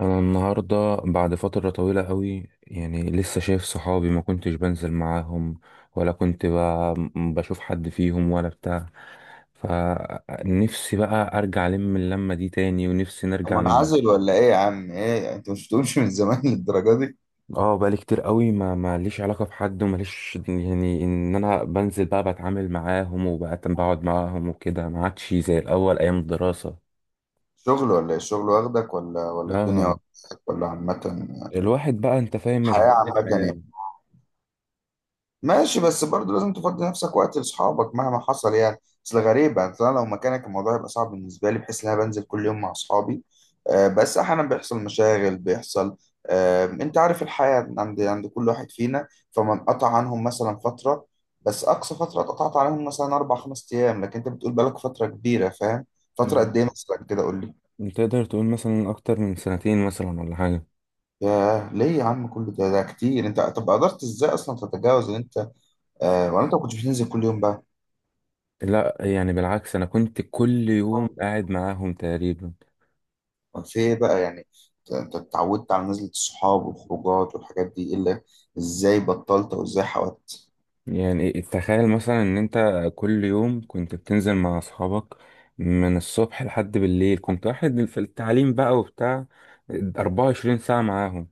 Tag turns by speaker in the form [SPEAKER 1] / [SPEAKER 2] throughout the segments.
[SPEAKER 1] انا النهارده بعد فتره طويله قوي، يعني لسه شايف صحابي. ما كنتش بنزل معاهم ولا بشوف حد فيهم ولا بتاع. فنفسي بقى ارجع اللمه دي تاني، ونفسي
[SPEAKER 2] طب،
[SPEAKER 1] نرجع
[SPEAKER 2] منعزل ولا ايه يا عم؟ ايه، انت مش بتقولش من زمان للدرجه دي؟
[SPEAKER 1] اه بقالي كتير قوي ما ليش علاقه بحد، وما ليش يعني ان انا بنزل بقى بتعامل معاهم وبقى بقعد معاهم وكده. ما عادش زي الاول ايام الدراسه.
[SPEAKER 2] شغل ولا ايه؟ الشغل واخدك ولا الدنيا
[SPEAKER 1] اه،
[SPEAKER 2] واخدك، ولا عامه؟
[SPEAKER 1] الواحد بقى انت فاهم،
[SPEAKER 2] الحياه
[SPEAKER 1] مشغولات
[SPEAKER 2] عامه
[SPEAKER 1] الحياه.
[SPEAKER 2] يعني؟ ماشي، بس برضه لازم تفضي نفسك وقت لاصحابك مهما حصل يعني. اصل غريبة، اصل انا لو مكانك الموضوع يبقى صعب بالنسبة لي، بحيث ان انا بنزل كل يوم مع اصحابي. بس احيانا بيحصل مشاغل، بيحصل. انت عارف الحياة عند كل واحد فينا، فما انقطع عنهم مثلا فترة. بس اقصى فترة اتقطعت عليهم مثلا 4-5 ايام، لكن انت بتقول بقالك فترة كبيرة فاهم. فترة قد ايه مثلا كده؟ قول لي.
[SPEAKER 1] تقدر تقول مثلا اكتر من 2 سنين مثلا ولا حاجه.
[SPEAKER 2] ياه، ليه يا عم كل ده؟ كتير. انت طب قدرت ازاي اصلا تتجاوز ان انت، ولا انت ما كنتش بتنزل كل يوم بقى؟
[SPEAKER 1] لا، يعني بالعكس، انا كنت كل يوم قاعد معاهم تقريبا.
[SPEAKER 2] طب في ايه بقى يعني؟ أنت اتعودت على نزلة الصحاب والخروجات والحاجات دي، إيه اللي، ازاي بطلت او ازاي حاولت؟
[SPEAKER 1] يعني تخيل مثلا ان انت كل يوم كنت بتنزل مع اصحابك من الصبح لحد بالليل. كنت واحد في التعليم بقى وبتاع، 24 ساعه معاهم.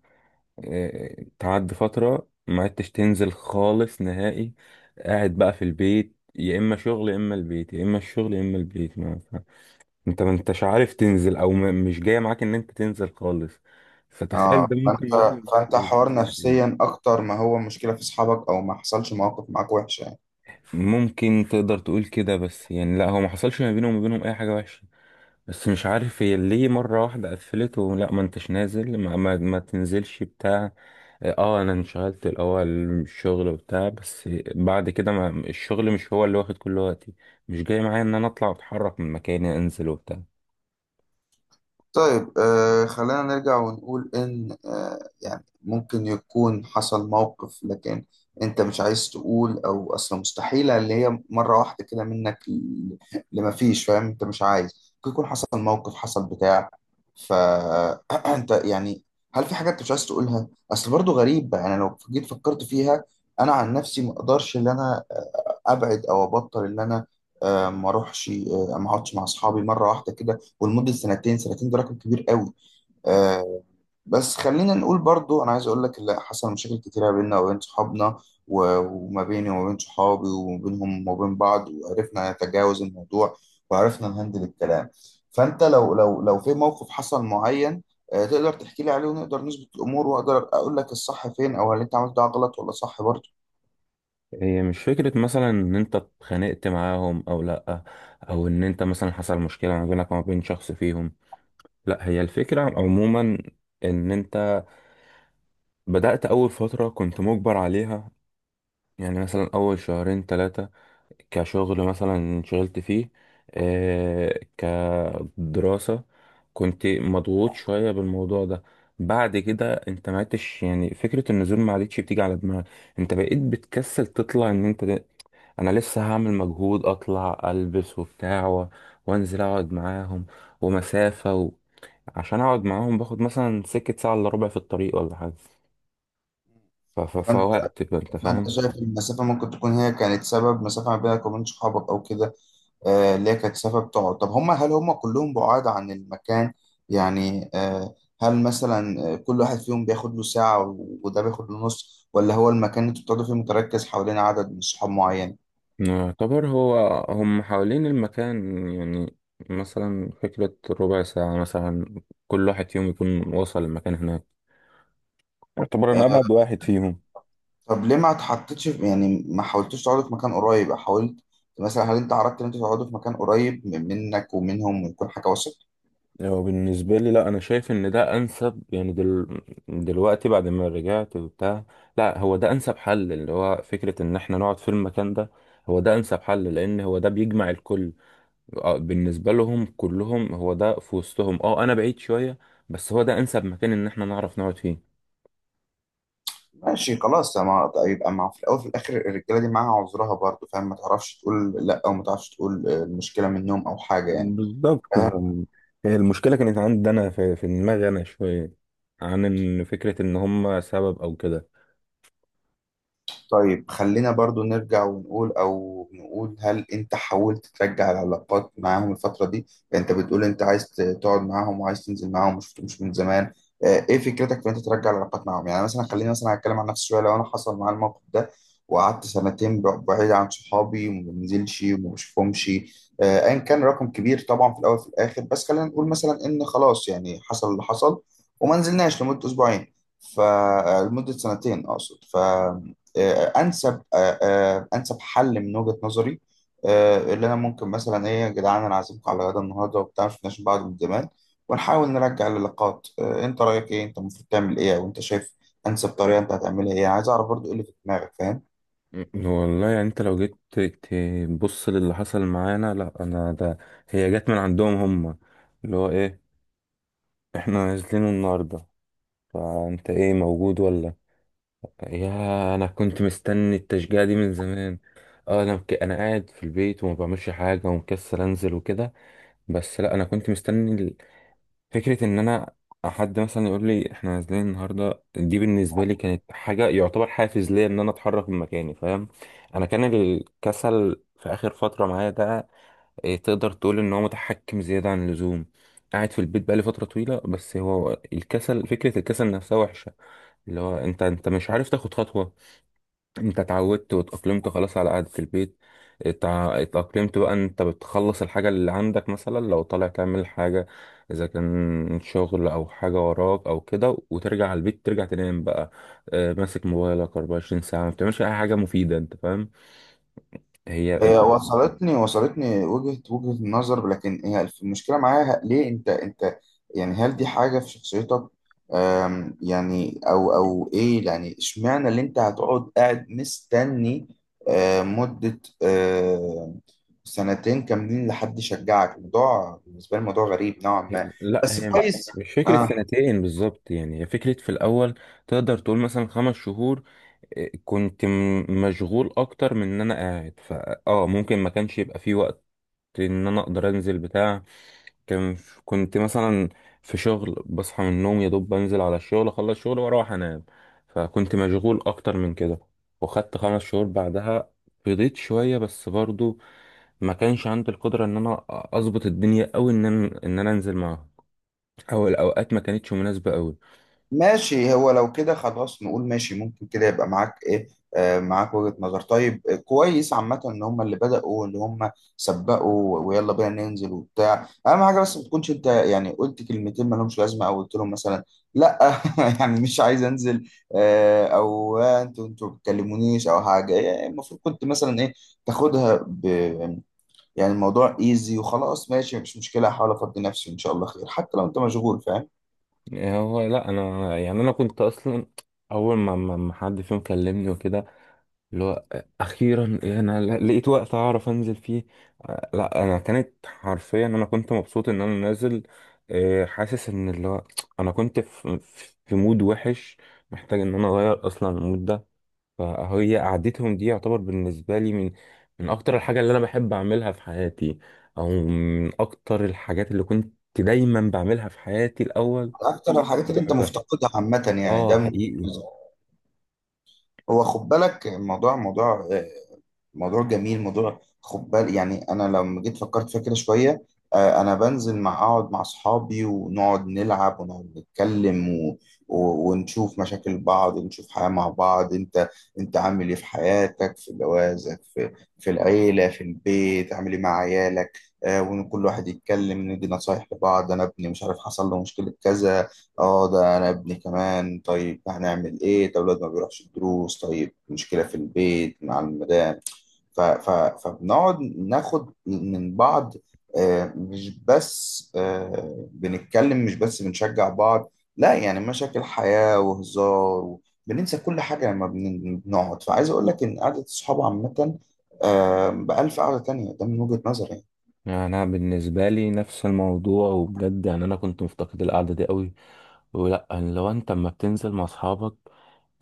[SPEAKER 1] إيه، تعدي فتره ما عدتش تنزل خالص نهائي. قاعد بقى في البيت، يا اما شغل يا اما البيت، يا اما الشغل يا اما البيت. انت ما انتش عارف تنزل، او مش جاية معاك ان انت تنزل خالص. فتخيل
[SPEAKER 2] اه
[SPEAKER 1] ده
[SPEAKER 2] فانت
[SPEAKER 1] ممكن مثلا
[SPEAKER 2] فانت
[SPEAKER 1] يبقى
[SPEAKER 2] حوار
[SPEAKER 1] احساسك
[SPEAKER 2] نفسيا
[SPEAKER 1] ايه.
[SPEAKER 2] اكتر، ما هو مشكلة في اصحابك او ما حصلش مواقف معاك وحشة؟
[SPEAKER 1] ممكن تقدر تقول كده، بس يعني لا، هو ما حصلش ما بينه وما بينهم اي حاجة وحشة. بس مش عارف هي ليه مرة واحدة قفلت، ولا ما انتش نازل، ما تنزلش بتاع. اه، انا انشغلت الاول من الشغل وبتاع، بس بعد كده ما الشغل مش هو اللي واخد كل وقتي. مش جاي معايا ان انا اطلع واتحرك من مكاني، انزل وبتاع.
[SPEAKER 2] طيب، خلينا نرجع ونقول إن يعني ممكن يكون حصل موقف، لكن أنت مش عايز تقول، أو أصلا مستحيلة اللي هي مرة واحدة كده لما فيش فاهم. أنت مش عايز، ممكن يكون حصل موقف، حصل بتاع. فأنت يعني، هل في حاجات أنت مش عايز تقولها؟ أصل برضو غريب يعني. أنا لو جيت فكرت فيها، أنا عن نفسي ما أقدرش إن أنا أبعد أو أبطل إن أنا، ما أروحش، ما أقعدش مع أصحابي مرة واحدة كده ولمده سنتين. سنتين ده رقم كبير قوي. آه. بس خلينا نقول برضو، انا عايز اقول لك لا، حصل مشاكل كتيره بيننا وبين صحابنا، وما بيني وما بين صحابي، وما بينهم وما بين بعض، وعرفنا نتجاوز الموضوع وعرفنا نهندل الكلام. فانت لو في موقف حصل معين، تقدر تحكي لي عليه، ونقدر نظبط الامور، واقدر اقول لك الصح فين، او هل انت عملت ده غلط ولا صح برضو.
[SPEAKER 1] هي مش فكرة مثلا إن أنت اتخانقت معاهم أو لأ، أو إن أنت مثلا حصل مشكلة ما بينك وما بين شخص فيهم. لأ، هي الفكرة عموما إن أنت بدأت أول فترة كنت مجبر عليها. يعني مثلا أول شهرين تلاتة كشغل مثلا انشغلت فيه. آه، كدراسة. كنت مضغوط شوية بالموضوع ده. بعد كده انت ما عدتش يعني فكرة النزول ما عادتش بتيجي على دماغك. انت بقيت بتكسل تطلع. ان انت انا لسه هعمل مجهود، اطلع البس وبتاع وانزل اقعد معاهم. ومسافة. عشان اقعد معاهم باخد مثلا سكة ساعة الا ربع في الطريق ولا حاجة.
[SPEAKER 2] فانت
[SPEAKER 1] فوقت بقى، انت
[SPEAKER 2] فانت
[SPEAKER 1] فاهم.
[SPEAKER 2] شايف إن المسافه ممكن تكون هي كانت سبب، مسافه ما بينك وبين صحابك او كده؟ اللي هي كانت سبب تقعد. طب هم، هل هم كلهم بعاد عن المكان يعني؟ هل مثلا كل واحد فيهم بياخد له ساعة، وده بياخد له نص، ولا هو المكان اللي انتوا بتقعدوا فيه متركز حوالين عدد من صحاب معين؟
[SPEAKER 1] يعتبر هو، هم حوالين المكان يعني. مثلا فكرة ربع ساعة مثلا كل واحد فيهم يكون وصل المكان هناك. يعتبر أنا
[SPEAKER 2] آه،
[SPEAKER 1] أبعد واحد فيهم.
[SPEAKER 2] طب ليه ما اتحطيتش يعني ما حاولتوش تقعدوا في مكان قريب؟ حاولت مثلا، هل انت عرضت ان انتوا تقعدوا في مكان قريب منك ومنهم، ويكون حاجة وسط؟
[SPEAKER 1] هو بالنسبة لي لا، أنا شايف إن ده أنسب. يعني دلوقتي بعد ما رجعت وبتاع، لا هو ده أنسب حل، اللي هو فكرة إن إحنا نقعد في المكان ده. هو ده أنسب حل لأن هو ده بيجمع الكل. آه، بالنسبة لهم كلهم هو ده في وسطهم، أه أنا بعيد شوية، بس هو ده أنسب مكان إن إحنا نعرف نقعد فيه.
[SPEAKER 2] ماشي خلاص، ما يبقى مع، في الاول وفي الاخر الرجاله دي معاها عذرها برضه فاهم، ما تعرفش تقول لا، او ما تعرفش تقول المشكله منهم او حاجه يعني.
[SPEAKER 1] بالظبط فاهم. هي المشكلة كانت عندي أنا في دماغي أنا شوية، عن إن فكرة إن هما سبب أو كده.
[SPEAKER 2] طيب، خلينا برضو نرجع ونقول، او نقول، هل انت حاولت ترجع العلاقات معاهم الفترة دي؟ يعني انت بتقول انت عايز تقعد معاهم وعايز تنزل معاهم، مش من زمان. ايه فكرتك في ان انت ترجع العلاقات معاهم؟ يعني مثلا خليني مثلا اتكلم عن نفسي شوية. لو انا حصل معايا الموقف ده وقعدت سنتين بعيد عن صحابي، وما بنزلش وما بشوفهمش، ايا كان رقم كبير طبعا في الاول وفي الاخر. بس خلينا نقول مثلا ان خلاص، يعني حصل اللي حصل وما نزلناش لمدة اسبوعين، فلمدة سنتين اقصد. ف آه، انسب آه، آه، انسب حل من وجهة نظري، اللي انا ممكن مثلا: ايه يا جدعان، انا عازمكم على غدا النهارده وبتاع، ما شفناش بعض من زمان، ونحاول نرجع اللقاءات. انت رايك ايه؟ انت المفروض تعمل ايه وانت شايف انسب طريقه؟ انت هتعملها ايه؟ عايز اعرف برضو ايه اللي في دماغك فاهم.
[SPEAKER 1] والله يعني أنت لو جيت تبص للي حصل معانا، لأ أنا ده، هي جت من عندهم هما. اللي هو إيه، إحنا نازلين النهاردة، فأنت إيه موجود ولا. يا أنا كنت مستني التشجيع دي من زمان. اه، انا قاعد في البيت وما بعملش حاجه ومكسل انزل وكده. بس لا، انا كنت مستني فكرة إن أنا حد مثلا يقول لي إحنا نازلين النهاردة. دي بالنسبة لي كانت حاجة يعتبر حافز ليا إن أنا أتحرك من مكاني، فاهم. أنا كان الكسل في آخر فترة معايا ده، إيه، تقدر تقول إن هو متحكم زيادة عن اللزوم. قاعد في البيت بقالي فترة طويلة. بس هو الكسل، فكرة الكسل نفسها وحشة. اللي هو أنت، أنت مش عارف تاخد خطوة. انت اتعودت واتأقلمت خلاص على قعدة البيت. اتأقلمت بقى. انت بتخلص الحاجة اللي عندك، مثلا لو طالع تعمل حاجة، اذا كان شغل او حاجة وراك او كده، وترجع على البيت، ترجع تنام بقى. اه، ماسك موبايلك 24 ساعة، ما بتعملش اي حاجة مفيدة، انت فاهم. هي
[SPEAKER 2] هي وصلتني وجهة النظر، لكن هي المشكلة معاها ليه انت؟ يعني هل دي حاجة في شخصيتك، يعني، او او ايه يعني؟ اشمعنى اللي انت هتقعد قاعد مستني مدة سنتين كاملين لحد يشجعك؟ الموضوع بالنسبة لي موضوع غريب نوعا ما،
[SPEAKER 1] لا،
[SPEAKER 2] بس
[SPEAKER 1] هي
[SPEAKER 2] كويس.
[SPEAKER 1] مش فكرة
[SPEAKER 2] آه.
[SPEAKER 1] سنتين بالظبط. يعني هي فكرة في الأول تقدر تقول مثلا 5 شهور. اه، كنت مشغول أكتر من إن أنا قاعد، فأه ممكن ما كانش يبقى فيه وقت ان انا اقدر انزل بتاع. كان، كنت مثلا في شغل، بصحى من النوم يا دوب بنزل على الشغل، اخلص شغل واروح انام. فكنت مشغول اكتر من كده. وخدت 5 شهور بعدها فضيت شوية، بس برضو ما كانش عندي القدرة ان انا اظبط الدنيا او ان انا انزل معاهم. او الاوقات ما كانتش مناسبة قوي.
[SPEAKER 2] ماشي، هو لو كده خلاص نقول ماشي، ممكن كده يبقى معاك ايه، معاك وجهة نظر. طيب، كويس عامة ان هم اللي بدأوا واللي هم سبقوا، ويلا بينا ننزل وبتاع. اهم حاجة بس ما تكونش انت يعني قلت كلمتين ما لهمش لازمة، او قلت لهم مثلا: لا، يعني مش عايز انزل، او انتوا ما بتكلمونيش او حاجة يعني. المفروض كنت مثلا ايه؟ تاخدها يعني، الموضوع ايزي وخلاص، ماشي، مفيش مشكلة، هحاول افضي نفسي، ان شاء الله خير، حتى لو انت مشغول فاهم.
[SPEAKER 1] يعني هو لا، انا يعني انا كنت اصلا اول ما حد فيهم كلمني وكده، اللي هو اخيرا انا لقيت وقت اعرف انزل فيه. آه، لا، انا كانت حرفيا انا كنت مبسوط ان انا نازل. آه، حاسس ان اللي هو انا كنت في في مود وحش، محتاج ان انا اغير اصلا المود ده. فهي قعدتهم دي يعتبر بالنسبه لي من اكتر الحاجه اللي انا بحب اعملها في حياتي، او من اكتر الحاجات اللي كنت دايما بعملها في حياتي الاول.
[SPEAKER 2] اكتر الحاجات
[SPEAKER 1] كنت
[SPEAKER 2] اللي انت
[SPEAKER 1] بحبها.
[SPEAKER 2] مفتقدها عامه، يعني
[SPEAKER 1] اه،
[SPEAKER 2] ده من،
[SPEAKER 1] حقيقي.
[SPEAKER 2] وخد بالك، الموضوع موضوع جميل، موضوع، خد بالك يعني. انا لما جيت فكرت فيها كده شويه، انا بنزل اقعد مع اصحابي، ونقعد نلعب ونقعد نتكلم، ونشوف مشاكل بعض، ونشوف حياه مع بعض. انت عامل ايه في حياتك، في جوازك، في في العيله، في البيت؟ عامل ايه مع عيالك؟ وان كل واحد يتكلم ندي نصايح لبعض. انا ابني مش عارف حصل له مشكله كذا، اه ده انا ابني كمان، طيب هنعمل ايه؟ طب الواد ما بيروحش الدروس، طيب مشكله في البيت مع المدام. ف ف فبنقعد ناخد من بعض، مش بس بنتكلم، مش بس بنشجع بعض، لا يعني مشاكل حياة وهزار، بننسى كل حاجة لما بنقعد. فعايز أقول لك إن قعدة الصحاب عامة، بألف قعدة تانية، ده من وجهة نظري.
[SPEAKER 1] يعني انا بالنسبه لي نفس الموضوع، وبجد يعني انا كنت مفتقد القعده دي قوي. ولا يعني لو انت اما بتنزل مع اصحابك،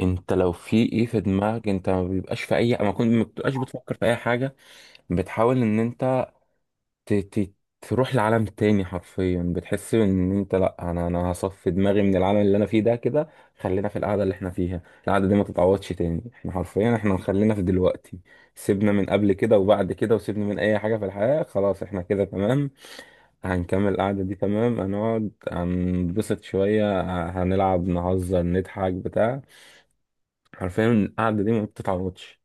[SPEAKER 1] انت لو في ايه في دماغك انت ما بيبقاش في اي، ما كنت ما بتبقاش بتفكر في اي حاجه. بتحاول ان انت ت... ت... تروح لعالم تاني. حرفيا بتحس ان انت، لا انا، انا هصفي دماغي من العالم اللي انا فيه ده كده. خلينا في القعده اللي احنا فيها، القعده دي ما تتعوضش تاني. احنا حرفيا احنا خلينا في دلوقتي. سيبنا من قبل كده وبعد كده، وسيبنا من اي حاجه في الحياه، خلاص احنا كده تمام. هنكمل القعدة دي تمام، هنقعد هنبسط شوية، هنلعب، نهزر، نضحك بتاع. حرفيا القعدة دي ما بتتعوضش.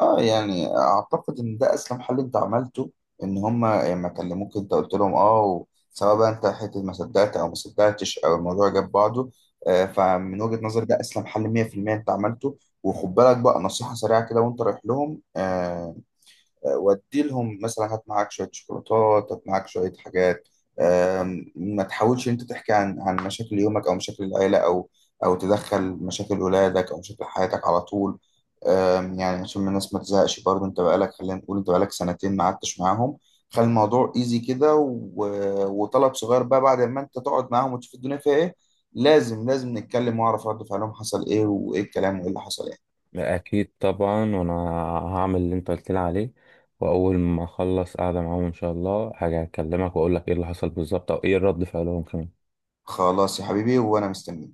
[SPEAKER 2] اه يعني اعتقد ان ده اسلم حل انت عملته، ان هما لما كلموك انت قلت لهم اه، سواء بقى انت حته ما صدقت او ما صدقتش، او الموضوع جاب بعضه. فمن وجهة نظري ده اسلم حل 100% انت عملته. وخد بالك بقى نصيحة سريعة كده وانت رايح لهم: ودي لهم مثلا، هات معاك شويه شوكولاتات، هات معاك شويه حاجات. ما تحاولش انت تحكي عن مشاكل يومك او مشاكل العيله، او او تدخل مشاكل اولادك او مشاكل حياتك على طول. يعني عشان الناس ما تزهقش برضه، انت بقالك خلينا نقول انت بقالك سنتين ما قعدتش معاهم. خلي الموضوع ايزي كده، وطلب صغير بقى بعد ما انت تقعد معاهم وتشوف الدنيا فيها ايه: لازم نتكلم واعرف رد فعلهم، حصل ايه، وايه الكلام، وايه اللي حصل ايه.
[SPEAKER 1] أكيد طبعا، وأنا هعمل اللي أنت قلت لي عليه. وأول ما أخلص قعدة معاهم إن شاء الله هاجي أكلمك وأقول لك إيه اللي حصل بالظبط، أو إيه رد فعلهم كمان.
[SPEAKER 2] خلاص يا حبيبي، وانا مستني.